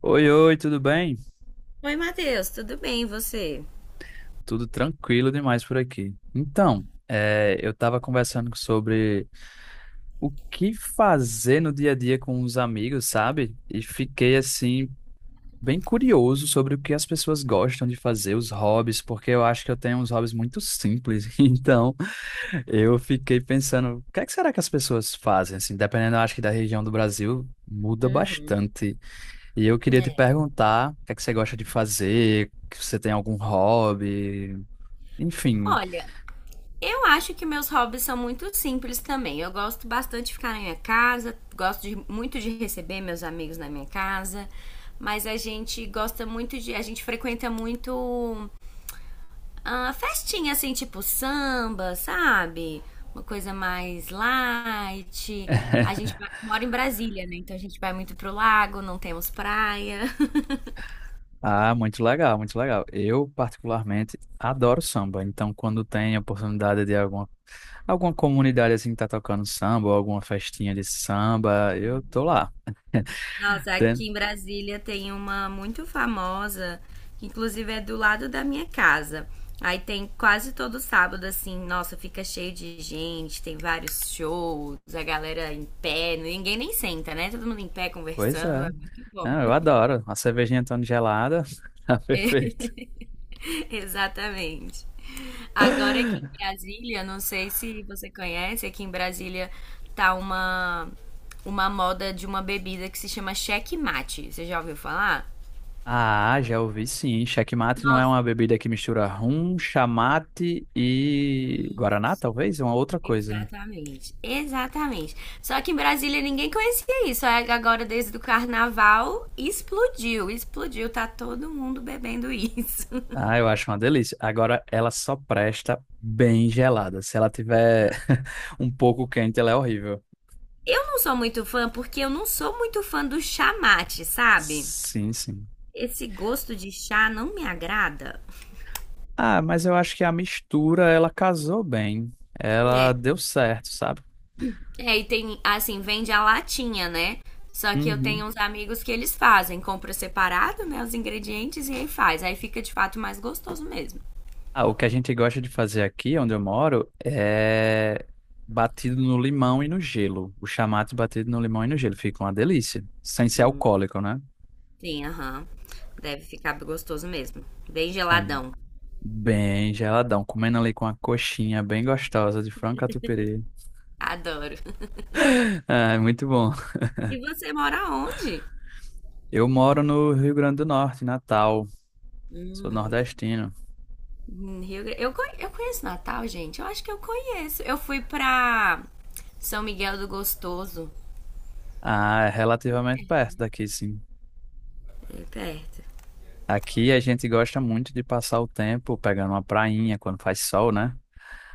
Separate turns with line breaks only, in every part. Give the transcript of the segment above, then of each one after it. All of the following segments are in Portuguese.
Oi, oi, tudo bem?
Oi, Matheus, tudo bem e você?
Tudo tranquilo demais por aqui. Então, eu estava conversando sobre o que fazer no dia a dia com os amigos, sabe? E fiquei assim, bem curioso sobre o que as pessoas gostam de fazer, os hobbies, porque eu acho que eu tenho uns hobbies muito simples. Então, eu fiquei pensando, o que é que será que as pessoas fazem? Assim, dependendo, eu acho que da região do Brasil, muda
Uhum.
bastante. E eu queria te
É.
perguntar, o que é que você gosta de fazer? Que Você tem algum hobby? Enfim,
Olha, eu acho que meus hobbies são muito simples também. Eu gosto bastante de ficar na minha casa, muito de receber meus amigos na minha casa, mas a gente gosta muito de. A gente frequenta muito ah, festinha assim, tipo samba, sabe? Uma coisa mais light. Mora em Brasília, né? Então a gente vai muito pro lago, não temos praia.
ah, muito legal, muito legal. Eu, particularmente, adoro samba. Então, quando tem a oportunidade de alguma comunidade assim que tá tocando samba, ou alguma festinha de samba, eu tô lá.
Nossa,
Tem-
aqui em Brasília tem uma muito famosa, que inclusive é do lado da minha casa. Aí tem quase todo sábado, assim, nossa, fica cheio de gente, tem vários shows, a galera em pé, ninguém nem senta, né? Todo mundo em pé
Pois
conversando,
é.
é muito bom.
Ah, eu adoro. A cervejinha tão gelada, tá perfeito.
Exatamente. Agora aqui em Brasília, não sei se você conhece, aqui em Brasília tá uma moda de uma bebida que se chama checkmate. Você já ouviu falar?
Ah, já ouvi sim. Checkmate não é uma bebida que mistura rum, chamate e guaraná,
Nossa,
talvez? É uma outra coisa.
exatamente, exatamente. Só que em Brasília ninguém conhecia isso. Aí agora, desde o carnaval, explodiu, explodiu. Tá todo mundo bebendo isso.
Ah, eu acho uma delícia. Agora, ela só presta bem gelada. Se ela tiver um pouco quente, ela é horrível.
Eu não sou muito fã porque eu não sou muito fã do chá mate, sabe?
Sim, sim.
Esse gosto de chá não me agrada.
Ah, mas eu acho que a mistura, ela casou bem. Ela
É,
deu certo, sabe?
é e tem, assim, vende a latinha, né? Só que eu
Uhum.
tenho uns amigos que eles fazem, compra separado, né, os ingredientes e aí faz. Aí fica de fato mais gostoso mesmo.
Ah, o que a gente gosta de fazer aqui, onde eu moro, é batido no limão e no gelo. O chamate batido no limão e no gelo. Fica uma delícia. Sem ser alcoólico, né?
Sim, aham. Deve ficar gostoso mesmo. Bem
É
geladão.
bem geladão. Comendo ali com uma coxinha bem gostosa de frango catupiry.
Adoro.
Ah, é, muito bom.
E você mora onde?
Eu moro no Rio Grande do Norte, em Natal. Sou
Hum,
nordestino.
em Rio Grande. Eu, eu conheço Natal, gente. Eu acho que eu conheço. Eu fui pra São Miguel do Gostoso.
Ah, é
Bem
relativamente
perto,
perto
né?
daqui, sim.
Bem perto.
Aqui a gente gosta muito de passar o tempo pegando uma prainha quando faz sol, né?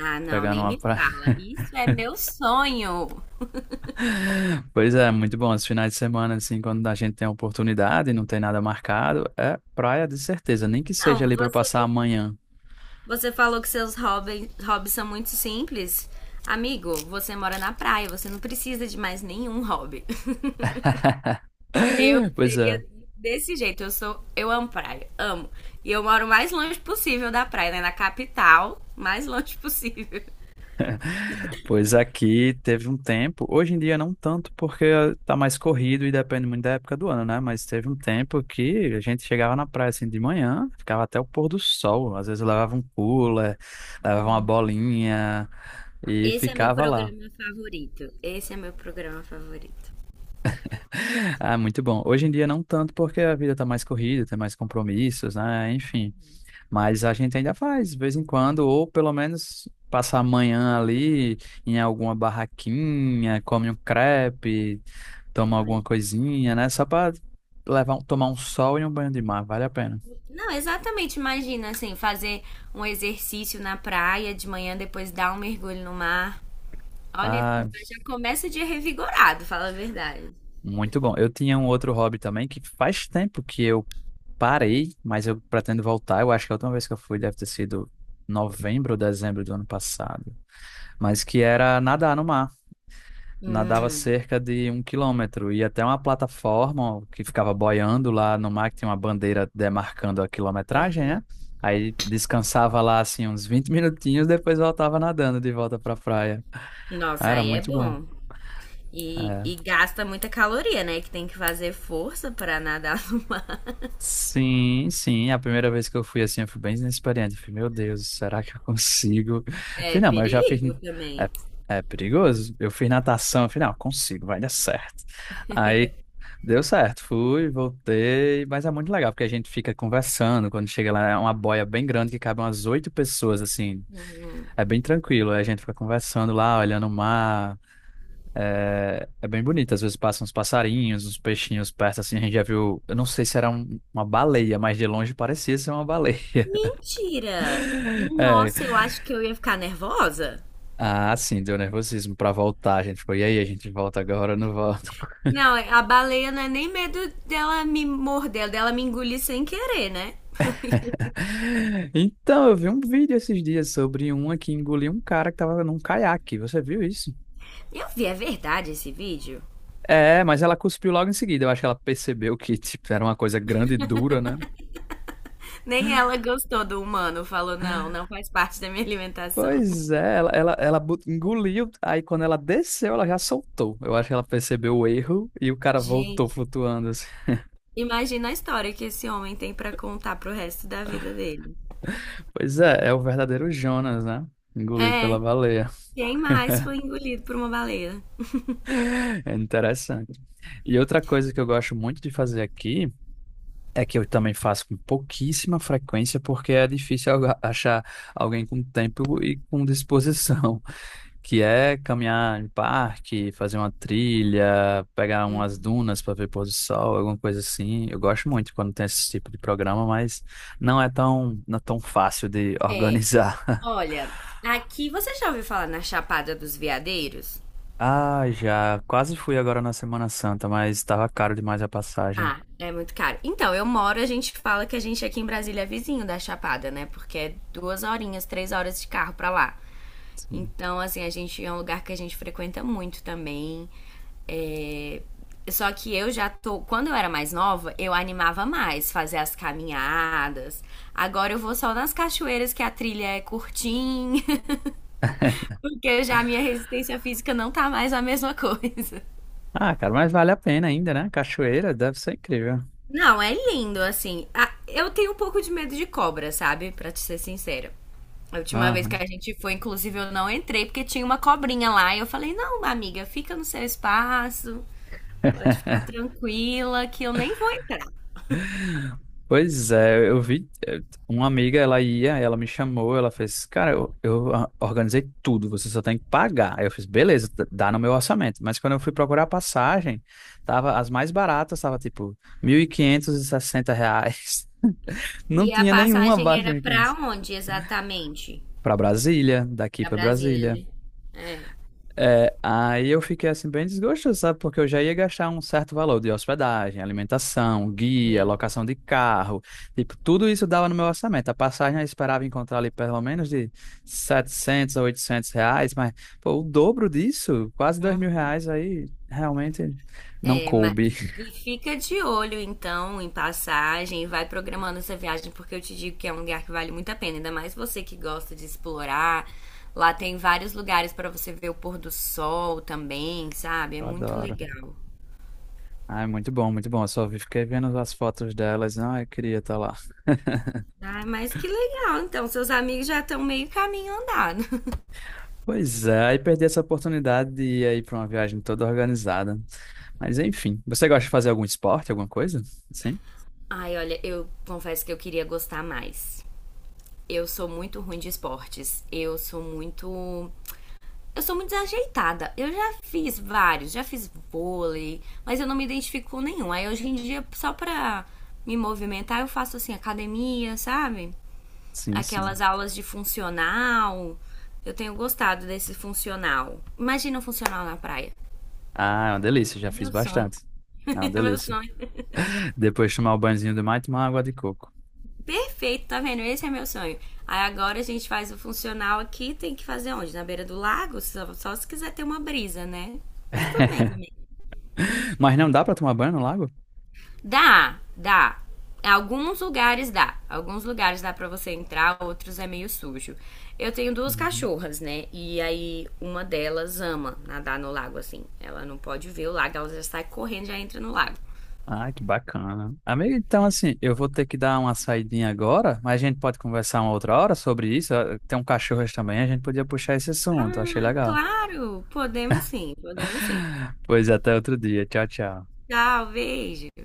Ah, não,
Pegando
nem
uma
me
praia.
fala. Isso é meu sonho.
Pois é, muito bom. Os finais de semana, assim, quando a gente tem a oportunidade e não tem nada marcado, é praia de certeza, nem que seja
Não,
ali para
você,
passar amanhã.
você falou que seus hobbies são muito simples. Amigo, você mora na praia, você não precisa de mais nenhum hobby. Eu
Pois é.
seria desse jeito. Eu amo praia, amo. E eu moro o mais longe possível da praia, né? Na capital, mais longe possível.
Pois aqui teve um tempo, hoje em dia não tanto, porque tá mais corrido e depende muito da época do ano, né? Mas teve um tempo que a gente chegava na praia assim de manhã, ficava até o pôr do sol. Às vezes eu levava um cooler, levava uma
Hum,
bolinha e
Esse é meu
ficava lá.
programa favorito. Esse é meu programa favorito.
Ah, muito bom. Hoje em dia não tanto, porque a vida tá mais corrida, tem mais compromissos, né? Enfim. Mas a gente ainda faz, de vez em quando, ou pelo menos passa a manhã ali em alguma barraquinha, come um crepe, toma
Olha.
alguma coisinha, né? Só para levar, tomar um sol e um banho de mar, vale a pena.
Não, exatamente. Imagina assim, fazer um exercício na praia de manhã, depois dar um mergulho no mar. Olha,
Ah,
já começa o dia revigorado, fala a verdade.
muito bom. Eu tinha um outro hobby também que faz tempo que eu parei, mas eu pretendo voltar. Eu acho que a última vez que eu fui deve ter sido novembro ou dezembro do ano passado, mas que era nadar no mar. Nadava
Hum,
cerca de 1 quilômetro e até uma plataforma que ficava boiando lá no mar, que tinha uma bandeira demarcando a quilometragem, né? Aí descansava lá assim uns 20 minutinhos, depois voltava nadando de volta pra praia. Ah,
Nossa,
era
aí é
muito bom.
bom. E,
É.
e gasta muita caloria, né? Que tem que fazer força pra nadar.
Sim, sim. A primeira vez que eu fui assim, eu fui bem inexperiente. Eu falei, meu Deus, será que eu consigo? Eu
É
falei, não, mas eu já fiz.
perigo
É,
também.
é perigoso. Eu fiz natação. Eu falei, não, consigo, vai dar certo. Aí deu certo, fui, voltei, mas é muito legal porque a gente fica conversando. Quando chega lá, é uma boia bem grande que cabe umas 8 pessoas, assim.
Hum.
É bem tranquilo, aí a gente fica conversando lá, olhando o mar. É, é bem bonito. Às vezes passam uns passarinhos, uns peixinhos perto, assim. A gente já viu, eu não sei se era uma baleia, mas de longe parecia ser uma baleia.
Mentira!
É,
Nossa, eu acho que eu ia ficar nervosa.
ah, sim, deu nervosismo pra voltar. A gente foi e aí, a gente volta agora ou não volta?
Não, a baleia não é nem medo dela me morder, dela me engolir sem querer, né?
Então, eu vi um vídeo esses dias sobre uma que engoliu um cara que tava num caiaque. Você viu isso?
Eu vi, é verdade esse vídeo?
É, mas ela cuspiu logo em seguida. Eu acho que ela percebeu que, tipo, era uma coisa grande e dura, né?
Nem ela gostou do humano, falou, não, não faz parte da minha alimentação.
Pois é, engoliu, aí quando ela desceu, ela já soltou. Eu acho que ela percebeu o erro e o cara voltou
Gente,
flutuando assim.
imagina a história que esse homem tem pra contar pro resto da vida dele.
Pois é, é o verdadeiro Jonas, né? Engolido
É,
pela baleia.
quem mais foi engolido por uma baleia?
É interessante. E outra coisa que eu gosto muito de fazer aqui. É que eu também faço com pouquíssima frequência, porque é difícil achar alguém com tempo e com disposição, que é caminhar em parque, fazer uma trilha, pegar umas dunas para ver pôr do sol, alguma coisa assim. Eu gosto muito quando tem esse tipo de programa, mas não é tão fácil de
É,
organizar.
olha, aqui você já ouviu falar na Chapada dos Veadeiros?
Ah, já quase fui agora na Semana Santa, mas estava caro demais a passagem.
Ah, é muito caro. Então, eu moro, a gente fala que a gente aqui em Brasília é vizinho da Chapada, né? Porque é duas horinhas, 3 horas de carro pra lá.
Sim.
Então, assim, a gente é um lugar que a gente frequenta muito também. É, só que eu já tô. Quando eu era mais nova, eu animava mais fazer as caminhadas. Agora eu vou só nas cachoeiras que a trilha é curtinha. Porque já a minha resistência física não tá mais a mesma coisa.
Ah, cara, mas vale a pena ainda, né? Cachoeira deve ser incrível.
Não, é lindo, assim. Ah, eu tenho um pouco de medo de cobra, sabe? Pra te ser sincera. A última vez que
Aham.
a gente foi, inclusive, eu não entrei porque tinha uma cobrinha lá. E eu falei: não, amiga, fica no seu espaço, pode ficar tranquila que eu nem vou entrar.
Pois é, eu vi uma amiga, ela ia, ela me chamou, ela fez, cara, organizei tudo, você só tem que pagar. Aí eu fiz, beleza, dá no meu orçamento. Mas quando eu fui procurar a passagem, tava, as mais baratas tava tipo mil e quinhentos e sessenta reais. Não
E a
tinha nenhuma
passagem
abaixo de
era pra
1.500.
onde exatamente?
Pra Brasília, daqui
Pra
pra
Brasília,
Brasília.
né? É,
É, aí eu fiquei assim bem desgostoso, sabe? Porque eu já ia gastar um certo valor de hospedagem, alimentação, guia,
sim.
locação de carro, tipo, tudo isso dava no meu orçamento. A passagem eu esperava encontrar ali pelo menos de R$ 700 a R$ 800, mas pô, o dobro disso, quase dois mil
Uhum.
reais, aí realmente não
É, mas...
coube.
E fica de olho, então, em passagem e vai programando essa viagem, porque eu te digo que é um lugar que vale muito a pena, ainda mais você que gosta de explorar. Lá tem vários lugares para você ver o pôr do sol também, sabe? É
Eu
muito
adoro.
legal.
Ai, muito bom, muito bom. Fiquei vendo as fotos delas, não, eu queria estar lá.
Ah, mas que legal. Então, seus amigos já estão meio caminho andado.
Pois é, aí perdi essa oportunidade de ir aí para uma viagem toda organizada. Mas enfim, você gosta de fazer algum esporte, alguma coisa? Sim?
Ai, olha, eu confesso que eu queria gostar mais. Eu sou muito ruim de esportes. Eu sou muito desajeitada. Eu já fiz vários, já fiz vôlei, mas eu não me identifico com nenhum. Aí hoje em dia, só pra me movimentar, eu faço assim, academia, sabe?
Sim, sim.
Aquelas aulas de funcional. Eu tenho gostado desse funcional. Imagina um funcional na praia.
Ah, é uma delícia, já
É
fiz
meu sonho.
bastante. É uma
É meu
delícia.
sonho.
Depois de tomar o banhozinho do mar e tomar água de coco.
Perfeito, tá vendo? Esse é meu sonho. Aí agora a gente faz o funcional aqui, tem que fazer onde? Na beira do lago? Só se quiser ter uma brisa, né? Mas tudo bem também.
Mas não dá pra tomar banho no lago?
Dá, dá. Alguns lugares dá. Alguns lugares dá pra você entrar, outros é meio sujo. Eu tenho duas
Uhum.
cachorras, né? E aí uma delas ama nadar no lago assim. Ela não pode ver o lago, ela já sai correndo, já entra no lago.
Ah, que bacana. Amigo, então assim, eu vou ter que dar uma saidinha agora, mas a gente pode conversar uma outra hora sobre isso. Ah, tem um cachorro também, a gente podia puxar esse assunto,
Ah,
achei legal.
claro! Podemos sim, podemos sim.
Pois até outro dia. Tchau, tchau.
Tchau, beijo.